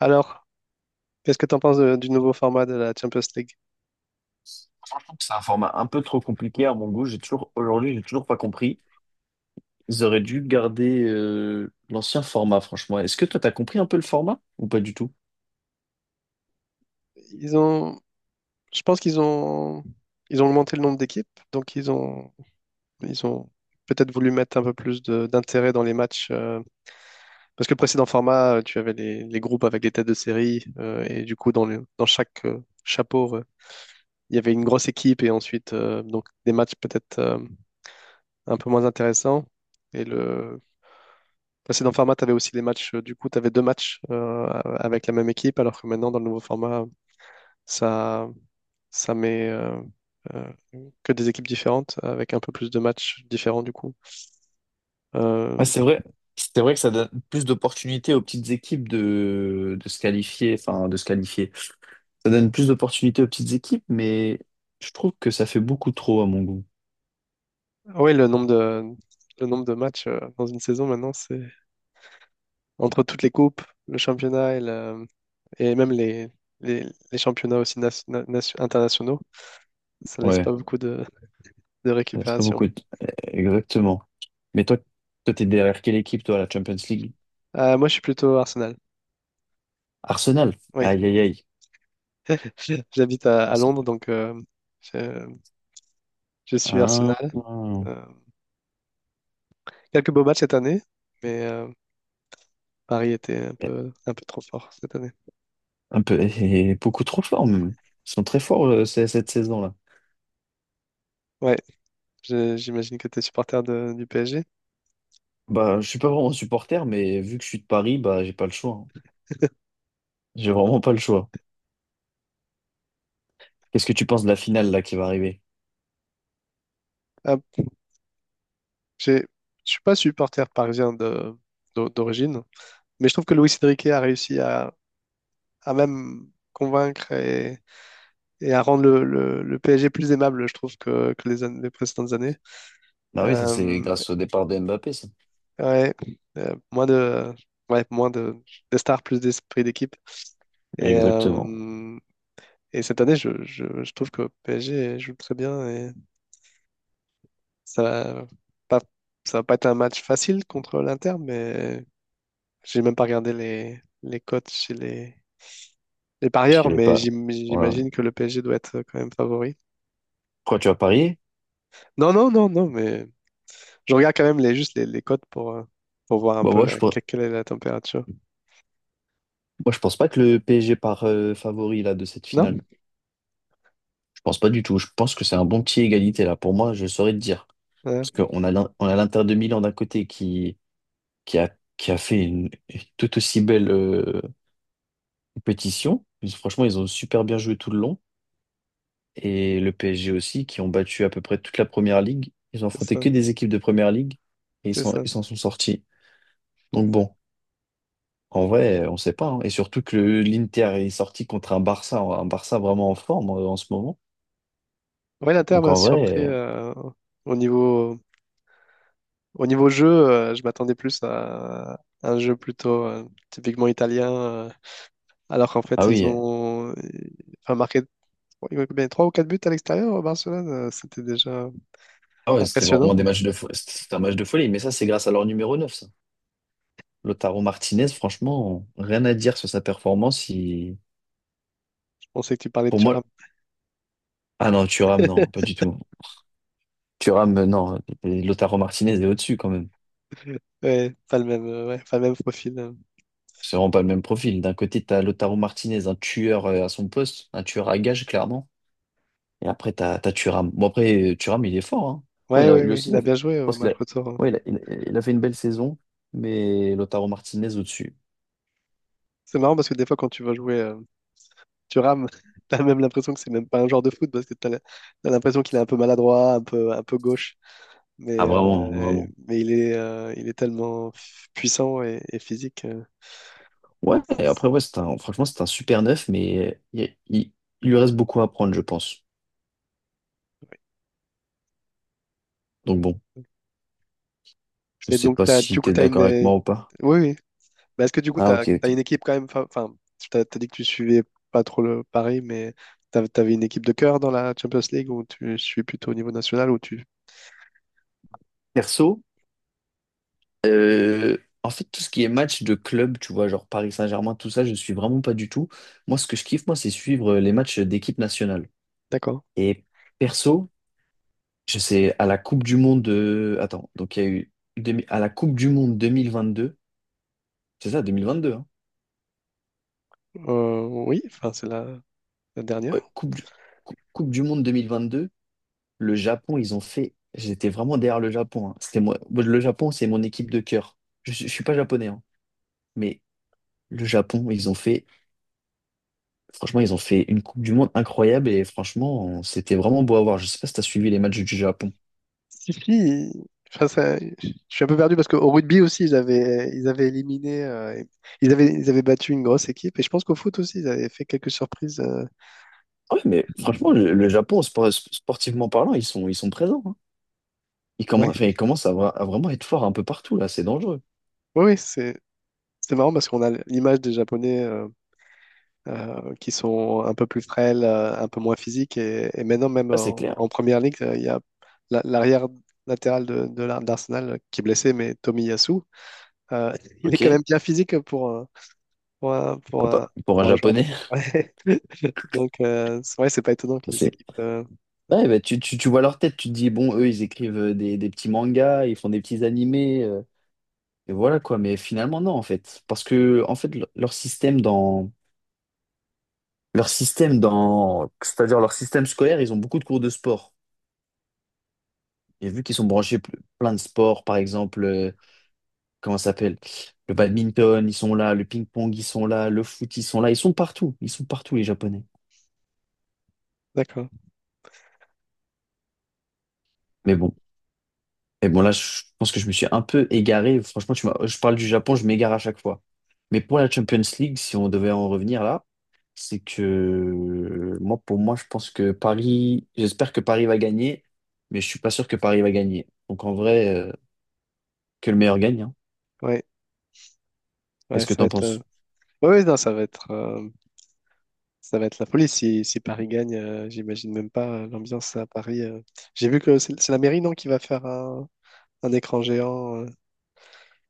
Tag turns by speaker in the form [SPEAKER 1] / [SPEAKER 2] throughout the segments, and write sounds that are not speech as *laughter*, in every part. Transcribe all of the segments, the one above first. [SPEAKER 1] Alors, qu'est-ce que tu en penses du nouveau format de la Champions League?
[SPEAKER 2] Je trouve que c'est un format un peu trop compliqué à mon goût. J'ai toujours, aujourd'hui, j'ai toujours pas compris. Ils auraient dû garder l'ancien format, franchement. Est-ce que toi, t'as compris un peu le format ou pas du tout?
[SPEAKER 1] Ils ont, je pense qu'ils ont augmenté le nombre d'équipes, donc ils ont peut-être voulu mettre un peu plus d'intérêt dans les matchs, parce que le précédent format, tu avais les groupes avec les têtes de série, et du coup dans dans chaque chapeau, il y avait une grosse équipe et ensuite donc des matchs peut-être un peu moins intéressants. Et le précédent format, tu avais aussi les matchs, du coup tu avais deux matchs avec la même équipe, alors que maintenant dans le nouveau format. Ça, ça met euh, que des équipes différentes avec un peu plus de matchs différents du coup.
[SPEAKER 2] Ouais,
[SPEAKER 1] Euh,
[SPEAKER 2] c'est vrai. C'est vrai que ça donne plus d'opportunités aux petites équipes de se qualifier, enfin de se qualifier. Ça donne plus d'opportunités aux petites équipes, mais je trouve que ça fait beaucoup trop à mon goût.
[SPEAKER 1] ah ouais, le nombre de matchs dans une saison maintenant, c'est entre toutes les coupes, le championnat et et même les, les championnats aussi internationaux. Ça laisse pas
[SPEAKER 2] Ouais,
[SPEAKER 1] beaucoup de
[SPEAKER 2] ça laisse pas
[SPEAKER 1] récupération.
[SPEAKER 2] beaucoup. Exactement. Mais toi, t'es derrière quelle équipe, toi, à la Champions League?
[SPEAKER 1] Moi, je suis plutôt Arsenal.
[SPEAKER 2] Arsenal.
[SPEAKER 1] Oui,
[SPEAKER 2] Aïe, aïe, aïe.
[SPEAKER 1] *laughs* j'habite à
[SPEAKER 2] Elles sont-
[SPEAKER 1] Londres, donc je, je suis
[SPEAKER 2] Ah.
[SPEAKER 1] Arsenal. Euh, Quelques beaux matchs cette année, mais Paris était
[SPEAKER 2] Mais
[SPEAKER 1] un peu trop fort cette année.
[SPEAKER 2] un peu, et beaucoup trop fort même. Ils sont très forts cette saison-là.
[SPEAKER 1] Ouais, j'imagine que tu es supporter du PSG.
[SPEAKER 2] Bah, je suis pas vraiment supporter, mais vu que je suis de Paris, bah, j'ai pas le choix, hein. J'ai vraiment pas le choix. Qu'est-ce que tu penses de la finale là qui va arriver?
[SPEAKER 1] Ah, j'ai- je suis pas supporter parisien de, d'origine, mais je trouve que Luis Enrique a réussi à même convaincre et et à rendre le PSG plus aimable, je trouve, que les, les précédentes années.
[SPEAKER 2] Bah oui, ça c'est
[SPEAKER 1] Euh,
[SPEAKER 2] grâce au départ de Mbappé, ça.
[SPEAKER 1] ouais, Moins ouais, moins de stars, plus d'esprit d'équipe. Et,
[SPEAKER 2] Exactement.
[SPEAKER 1] euh, et cette année, je trouve que PSG joue très bien. Ça va pas, Ça va pas être un match facile contre l'Inter, mais j'ai même pas regardé les cotes chez les
[SPEAKER 2] Je
[SPEAKER 1] parieurs,
[SPEAKER 2] sais
[SPEAKER 1] mais
[SPEAKER 2] pas. Voilà.
[SPEAKER 1] j'imagine que le PSG doit être quand même favori.
[SPEAKER 2] Quoi, tu vas parier?
[SPEAKER 1] Non, non, non, non, mais je regarde quand même les, juste les cotes pour voir un
[SPEAKER 2] Bah
[SPEAKER 1] peu quelle est la température.
[SPEAKER 2] moi je pense pas que le PSG part favori là de cette
[SPEAKER 1] Non?
[SPEAKER 2] finale. Pense pas du tout. Je pense que c'est un bon petit égalité là. Pour moi, je saurais te dire. Parce
[SPEAKER 1] Ouais,
[SPEAKER 2] qu'on a on a l'Inter de Milan d'un côté qui, qui a fait une tout aussi belle compétition. Ils- Franchement, ils ont super bien joué tout le long. Et le PSG aussi, qui ont battu à peu près toute la première ligue. Ils ont
[SPEAKER 1] c'est
[SPEAKER 2] affronté
[SPEAKER 1] ça,
[SPEAKER 2] que des équipes de première ligue et
[SPEAKER 1] c'est ça.
[SPEAKER 2] ils s'en sont sortis. Donc bon, en vrai, on sait pas, hein. Et surtout que le- l'Inter est sorti contre un Barça vraiment en forme en ce moment.
[SPEAKER 1] Ouais, l'Inter
[SPEAKER 2] Donc
[SPEAKER 1] m'a
[SPEAKER 2] en
[SPEAKER 1] surpris
[SPEAKER 2] vrai,
[SPEAKER 1] au niveau, au niveau jeu, je m'attendais plus à un jeu plutôt typiquement italien. Alors qu'en fait,
[SPEAKER 2] ah
[SPEAKER 1] ils
[SPEAKER 2] oui.
[SPEAKER 1] ont, enfin, marqué. Ouais, ils ont combien? Trois ou 4 buts à l'extérieur, Barcelone? C'était déjà
[SPEAKER 2] Ah ouais, c'était
[SPEAKER 1] impressionnant.
[SPEAKER 2] vraiment des matchs de folie. C'était un match de folie, mais ça, c'est grâce à leur numéro 9, ça. Lautaro Martinez, franchement, rien à dire sur sa performance. Il-
[SPEAKER 1] Je pensais que tu parlais de
[SPEAKER 2] Pour
[SPEAKER 1] Thuram.
[SPEAKER 2] moi, ah non, Thuram, non, pas
[SPEAKER 1] *laughs*
[SPEAKER 2] du tout. Thuram, non, et Lautaro Martinez est au-dessus quand même.
[SPEAKER 1] Ouais, pas le même, ouais, pas le même profil.
[SPEAKER 2] C'est vraiment pas le même profil. D'un côté, t'as Lautaro Martinez, un tueur à son poste, un tueur à gage, clairement. Et après, t'as Thuram. Bon, après, Thuram, il est fort, hein. Bon,
[SPEAKER 1] Ouais,
[SPEAKER 2] il a,
[SPEAKER 1] ouais,
[SPEAKER 2] lui
[SPEAKER 1] ouais,
[SPEAKER 2] aussi,
[SPEAKER 1] il
[SPEAKER 2] il a
[SPEAKER 1] a
[SPEAKER 2] fait-
[SPEAKER 1] bien joué
[SPEAKER 2] je
[SPEAKER 1] euh, au
[SPEAKER 2] pense qu'il
[SPEAKER 1] match
[SPEAKER 2] a...
[SPEAKER 1] retour, hein.
[SPEAKER 2] ouais, il a, il a fait une belle saison, mais Lautaro Martinez au-dessus.
[SPEAKER 1] C'est marrant parce que des fois, quand tu vas jouer Thuram, *laughs* t'as même l'impression que c'est même pas un joueur de foot parce que t'as l'impression qu'il est un peu maladroit, un peu gauche.
[SPEAKER 2] Ah, vraiment, vraiment.
[SPEAKER 1] Mais il est tellement puissant et physique.
[SPEAKER 2] Ouais, et après, ouais, c'est un, franchement, c'est un super neuf, mais il- il lui reste beaucoup à apprendre, je pense. Donc bon, je
[SPEAKER 1] Et
[SPEAKER 2] sais
[SPEAKER 1] donc,
[SPEAKER 2] pas
[SPEAKER 1] t'as, du
[SPEAKER 2] si
[SPEAKER 1] coup,
[SPEAKER 2] t'es
[SPEAKER 1] t'as une.
[SPEAKER 2] d'accord avec moi ou pas.
[SPEAKER 1] Oui, oui, mais est-ce que du coup,
[SPEAKER 2] Ah, ok, ok.
[SPEAKER 1] t'as une équipe quand même, enfin, t'as dit que tu suivais pas trop le Paris, mais t'avais une équipe de cœur dans la Champions League ou tu suis plutôt au niveau national ou tu...
[SPEAKER 2] Perso, euh, en fait, tout ce qui est match de club, tu vois, genre Paris Saint-Germain, tout ça, je suis vraiment pas du tout. Moi, ce que je kiffe, moi, c'est suivre les matchs d'équipe nationale.
[SPEAKER 1] D'accord.
[SPEAKER 2] Et perso, je sais, à la Coupe du Monde de... Attends, donc il y a eu... à la Coupe du Monde deux mille vingt deux, c'est ça, 2022, hein?
[SPEAKER 1] Oui, enfin, c'est la
[SPEAKER 2] Ouais,
[SPEAKER 1] dernière.
[SPEAKER 2] Coupe du Monde deux mille vingt deux. Le Japon, ils ont fait. J'étais vraiment derrière le Japon, hein. C'était moi. Moi, le Japon, c'est mon équipe de cœur. Je suis pas japonais, hein. Mais le Japon, ils ont fait. Franchement, ils ont fait une Coupe du Monde incroyable et franchement, c'était vraiment beau à voir. Je sais pas si t'as suivi les matchs du Japon.
[SPEAKER 1] Si, si, enfin, ça- je suis un peu perdu parce qu'au rugby aussi, ils avaient éliminé, ils avaient battu une grosse équipe et je pense qu'au foot aussi, ils avaient fait quelques surprises.
[SPEAKER 2] Ouais, mais franchement, le Japon, sportivement parlant, ils sont présents, hein. Ils commencent,
[SPEAKER 1] Oui,
[SPEAKER 2] enfin, ils commencent à vraiment être forts un peu partout, là. C'est dangereux.
[SPEAKER 1] oui, oui, c'est marrant parce qu'on a l'image des Japonais, qui sont un peu plus frêles, un peu moins physiques. Et maintenant, même
[SPEAKER 2] Ah, c'est
[SPEAKER 1] en,
[SPEAKER 2] clair.
[SPEAKER 1] en première ligue, il y a l'arrière latéral de, d'Arsenal qui est blessé, mais Tommy Yasu, *laughs* il est
[SPEAKER 2] Ok.
[SPEAKER 1] quand même bien physique pour un, pour un,
[SPEAKER 2] Ah,
[SPEAKER 1] pour
[SPEAKER 2] bah,
[SPEAKER 1] un,
[SPEAKER 2] pour un
[SPEAKER 1] pour un joueur de
[SPEAKER 2] Japonais,
[SPEAKER 1] prêt. *laughs* Ouais. Donc, c'est vrai, c'est pas étonnant
[SPEAKER 2] *laughs*
[SPEAKER 1] que les
[SPEAKER 2] c'est.
[SPEAKER 1] équipes.
[SPEAKER 2] Ouais, bah, tu vois leur tête, tu te dis, bon, eux, ils écrivent des petits mangas, ils font des petits animés. Et voilà quoi, mais finalement non en fait, parce que en fait leur système dans c'est-à-dire leur système scolaire, ils ont beaucoup de cours de sport. Et vu qu'ils sont branchés plein de sports, par exemple, comment ça s'appelle? Le badminton, ils sont là, le ping-pong, ils sont là, le foot, ils sont là, ils sont partout les Japonais.
[SPEAKER 1] D'accord.
[SPEAKER 2] Mais bon. Et bon, là, je pense que je me suis un peu égaré. Franchement, tu m'as- je parle du Japon, je m'égare à chaque fois. Mais pour la Champions League, si on devait en revenir là, c'est que moi, pour moi, je pense que Paris, j'espère que Paris va gagner, mais je suis pas sûr que Paris va gagner. Donc en vrai, que le meilleur gagne, hein.
[SPEAKER 1] Ouais, ouais,
[SPEAKER 2] Qu'est-ce que
[SPEAKER 1] ça va
[SPEAKER 2] t'en
[SPEAKER 1] être.
[SPEAKER 2] penses?
[SPEAKER 1] Ouais, ouais, non, ça va être. Ça va être la folie si, si Paris gagne. J'imagine même pas l'ambiance à Paris. J'ai vu que c'est la mairie, non, qui va faire un écran géant.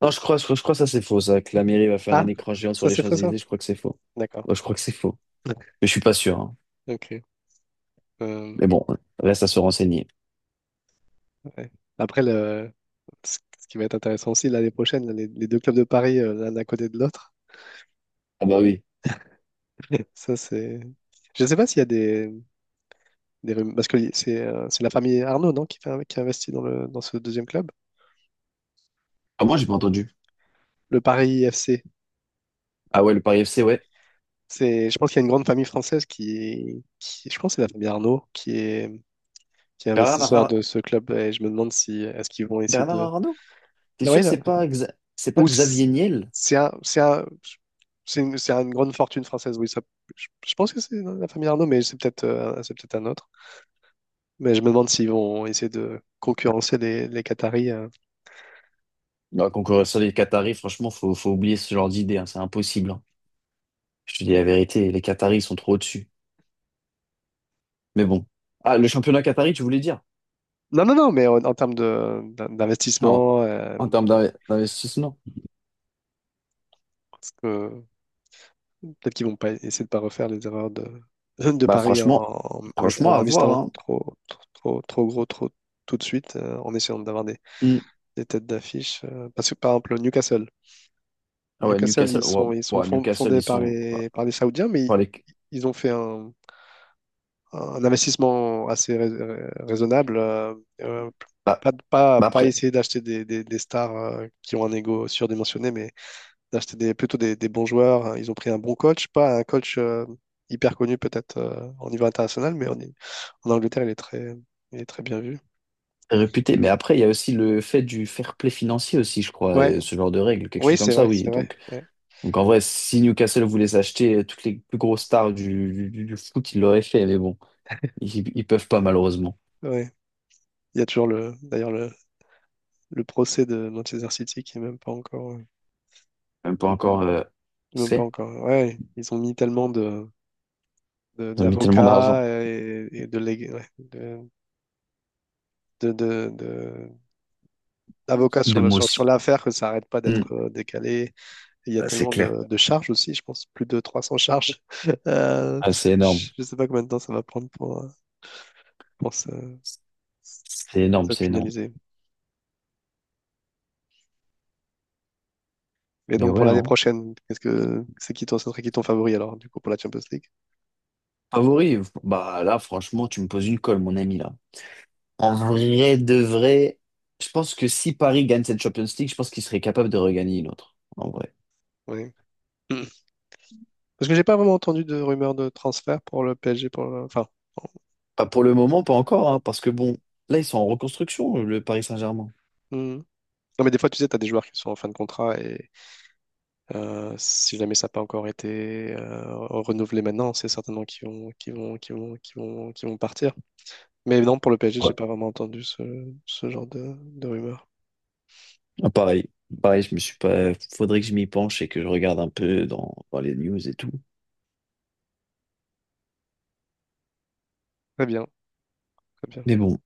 [SPEAKER 2] Non, je crois que ça c'est faux, ça, que la mairie va faire
[SPEAKER 1] Ah,
[SPEAKER 2] un écran géant sur
[SPEAKER 1] ça
[SPEAKER 2] les
[SPEAKER 1] c'est faux ça?
[SPEAKER 2] Champs-Élysées. Je crois que c'est faux.
[SPEAKER 1] D'accord.
[SPEAKER 2] Ouais, je crois que c'est faux.
[SPEAKER 1] *laughs*
[SPEAKER 2] Mais je suis pas sûr, hein.
[SPEAKER 1] Ok. Euh,
[SPEAKER 2] Mais bon, reste à se renseigner.
[SPEAKER 1] ouais. Après, le... Ce ce qui va être intéressant aussi l'année prochaine, là, les deux clubs de Paris, l'un à côté de l'autre.
[SPEAKER 2] Ah bah oui.
[SPEAKER 1] *laughs* Ça c'est. Je ne sais pas s'il y a des, parce que c'est la famille Arnaud, non, qui investit dans le dans ce deuxième club,
[SPEAKER 2] Ah, moi, j'ai pas entendu.
[SPEAKER 1] le Paris FC.
[SPEAKER 2] Ah ouais, le Paris FC, ouais.
[SPEAKER 1] C'est, je pense qu'il y a une grande famille française je pense, que c'est la famille Arnaud qui est investisseur de ce club et je me demande si est-ce qu'ils vont essayer
[SPEAKER 2] Bernard
[SPEAKER 1] de.
[SPEAKER 2] Arnault? T'es
[SPEAKER 1] Oui.
[SPEAKER 2] sûr que c'est pas, c'est pas
[SPEAKER 1] Ou c-
[SPEAKER 2] Xavier Niel?
[SPEAKER 1] c'est un, c'est une grande fortune française, oui. Ça- je pense que c'est dans la famille Arnaud, mais c'est peut-être c'est peut-être un autre. Mais je me demande s'ils vont essayer de concurrencer les Qataris.
[SPEAKER 2] Non, concurrence des Qataris, franchement, faut oublier ce genre d'idée, hein, c'est impossible, hein. Je te dis la vérité, les Qataris sont trop au-dessus. Mais bon. Ah, le championnat Qatari, tu voulais dire?
[SPEAKER 1] Non, non, non, mais en, en termes de,
[SPEAKER 2] En,
[SPEAKER 1] d'investissement,
[SPEAKER 2] en termes d'investissement?
[SPEAKER 1] parce que peut-être qu'ils vont pas essayer de pas refaire les erreurs de, *laughs* de
[SPEAKER 2] Bah
[SPEAKER 1] Paris en,
[SPEAKER 2] franchement,
[SPEAKER 1] en,
[SPEAKER 2] franchement,
[SPEAKER 1] en
[SPEAKER 2] à voir,
[SPEAKER 1] investissant
[SPEAKER 2] hein.
[SPEAKER 1] trop, trop, trop, trop gros, trop tout de suite, en essayant d'avoir
[SPEAKER 2] Hmm.
[SPEAKER 1] des têtes d'affiche. Euh, parce que par exemple, Newcastle.
[SPEAKER 2] Ah ouais,
[SPEAKER 1] Newcastle,
[SPEAKER 2] Newcastle, wow.
[SPEAKER 1] ils sont
[SPEAKER 2] Wow, Newcastle,
[SPEAKER 1] fondés
[SPEAKER 2] ils sont.
[SPEAKER 1] par les Saoudiens, mais ils,
[SPEAKER 2] Bah, les-
[SPEAKER 1] ils ont fait un investissement assez raisonnable. Euh,
[SPEAKER 2] bah-
[SPEAKER 1] Pas, pas,
[SPEAKER 2] bah
[SPEAKER 1] pas
[SPEAKER 2] après,
[SPEAKER 1] essayer d'acheter des, des stars qui ont un ego surdimensionné, mais d'acheter des, plutôt des bons joueurs. Ils ont pris un bon coach, pas un coach hyper connu peut-être au niveau international, mais en, en Angleterre, il est très bien vu.
[SPEAKER 2] réputés. Mais après, il y a aussi le fait du fair play financier aussi, je crois,
[SPEAKER 1] Ouais,
[SPEAKER 2] et ce genre de règles, quelque
[SPEAKER 1] oui,
[SPEAKER 2] chose comme
[SPEAKER 1] c'est
[SPEAKER 2] ça,
[SPEAKER 1] vrai,
[SPEAKER 2] oui.
[SPEAKER 1] c'est vrai.
[SPEAKER 2] Donc.
[SPEAKER 1] Ouais,
[SPEAKER 2] Donc en vrai, si Newcastle voulait s'acheter toutes les plus grosses stars du foot, ils l'auraient fait, mais bon, ils peuvent pas malheureusement.
[SPEAKER 1] ouais. Il y a toujours le, d'ailleurs le procès de Manchester City qui est même pas encore.
[SPEAKER 2] Même pas encore
[SPEAKER 1] Même pas
[SPEAKER 2] fait.
[SPEAKER 1] encore. Ouais, ils ont mis tellement de,
[SPEAKER 2] Ils ont mis tellement d'argent.
[SPEAKER 1] d'avocats et de, ouais, de, de- de- d'avocats sur
[SPEAKER 2] De
[SPEAKER 1] le,
[SPEAKER 2] moi
[SPEAKER 1] sur, sur
[SPEAKER 2] aussi.
[SPEAKER 1] l'affaire que ça arrête pas
[SPEAKER 2] Hmm.
[SPEAKER 1] d'être décalé. Et il y a
[SPEAKER 2] Bah, c'est
[SPEAKER 1] tellement
[SPEAKER 2] clair.
[SPEAKER 1] de charges aussi, je pense, plus de 300 charges. *laughs* Euh,
[SPEAKER 2] Ah, c'est énorme.
[SPEAKER 1] je sais pas combien de temps ça va prendre pour se,
[SPEAKER 2] C'est énorme,
[SPEAKER 1] se
[SPEAKER 2] c'est énorme.
[SPEAKER 1] finaliser. Et
[SPEAKER 2] Mais
[SPEAKER 1] donc pour
[SPEAKER 2] ouais,
[SPEAKER 1] l'année
[SPEAKER 2] hein.
[SPEAKER 1] prochaine, qu'est-ce que c'est qui ton, ce serait qui ton favori alors, du coup, pour la Champions League?
[SPEAKER 2] Favori, bah là, franchement, tu me poses une colle, mon ami, là. En vrai de vrai, je pense que si Paris gagne cette Champions League, je pense qu'il serait capable de regagner une autre. En vrai.
[SPEAKER 1] Oui. Parce que j'ai pas vraiment entendu de rumeurs de transfert pour le PSG. Pour le- enfin,
[SPEAKER 2] Pas pour le moment, pas encore, hein, parce que bon, là, ils sont en reconstruction, le Paris Saint-Germain.
[SPEAKER 1] hmm. Non, mais des fois, tu sais, tu as des joueurs qui sont en fin de contrat et si jamais ça n'a pas encore été renouvelé maintenant, c'est certainement qu'ils vont, qu'ils vont, qu'ils vont, qu'ils vont, qu'ils vont partir. Mais non, pour le PSG, j'ai pas vraiment entendu ce, ce genre de rumeurs.
[SPEAKER 2] Ah, pareil, pareil, je me suis pas. Faudrait que je m'y penche et que je regarde un peu dans les news et tout.
[SPEAKER 1] Très bien, très
[SPEAKER 2] Mais
[SPEAKER 1] bien.
[SPEAKER 2] bon,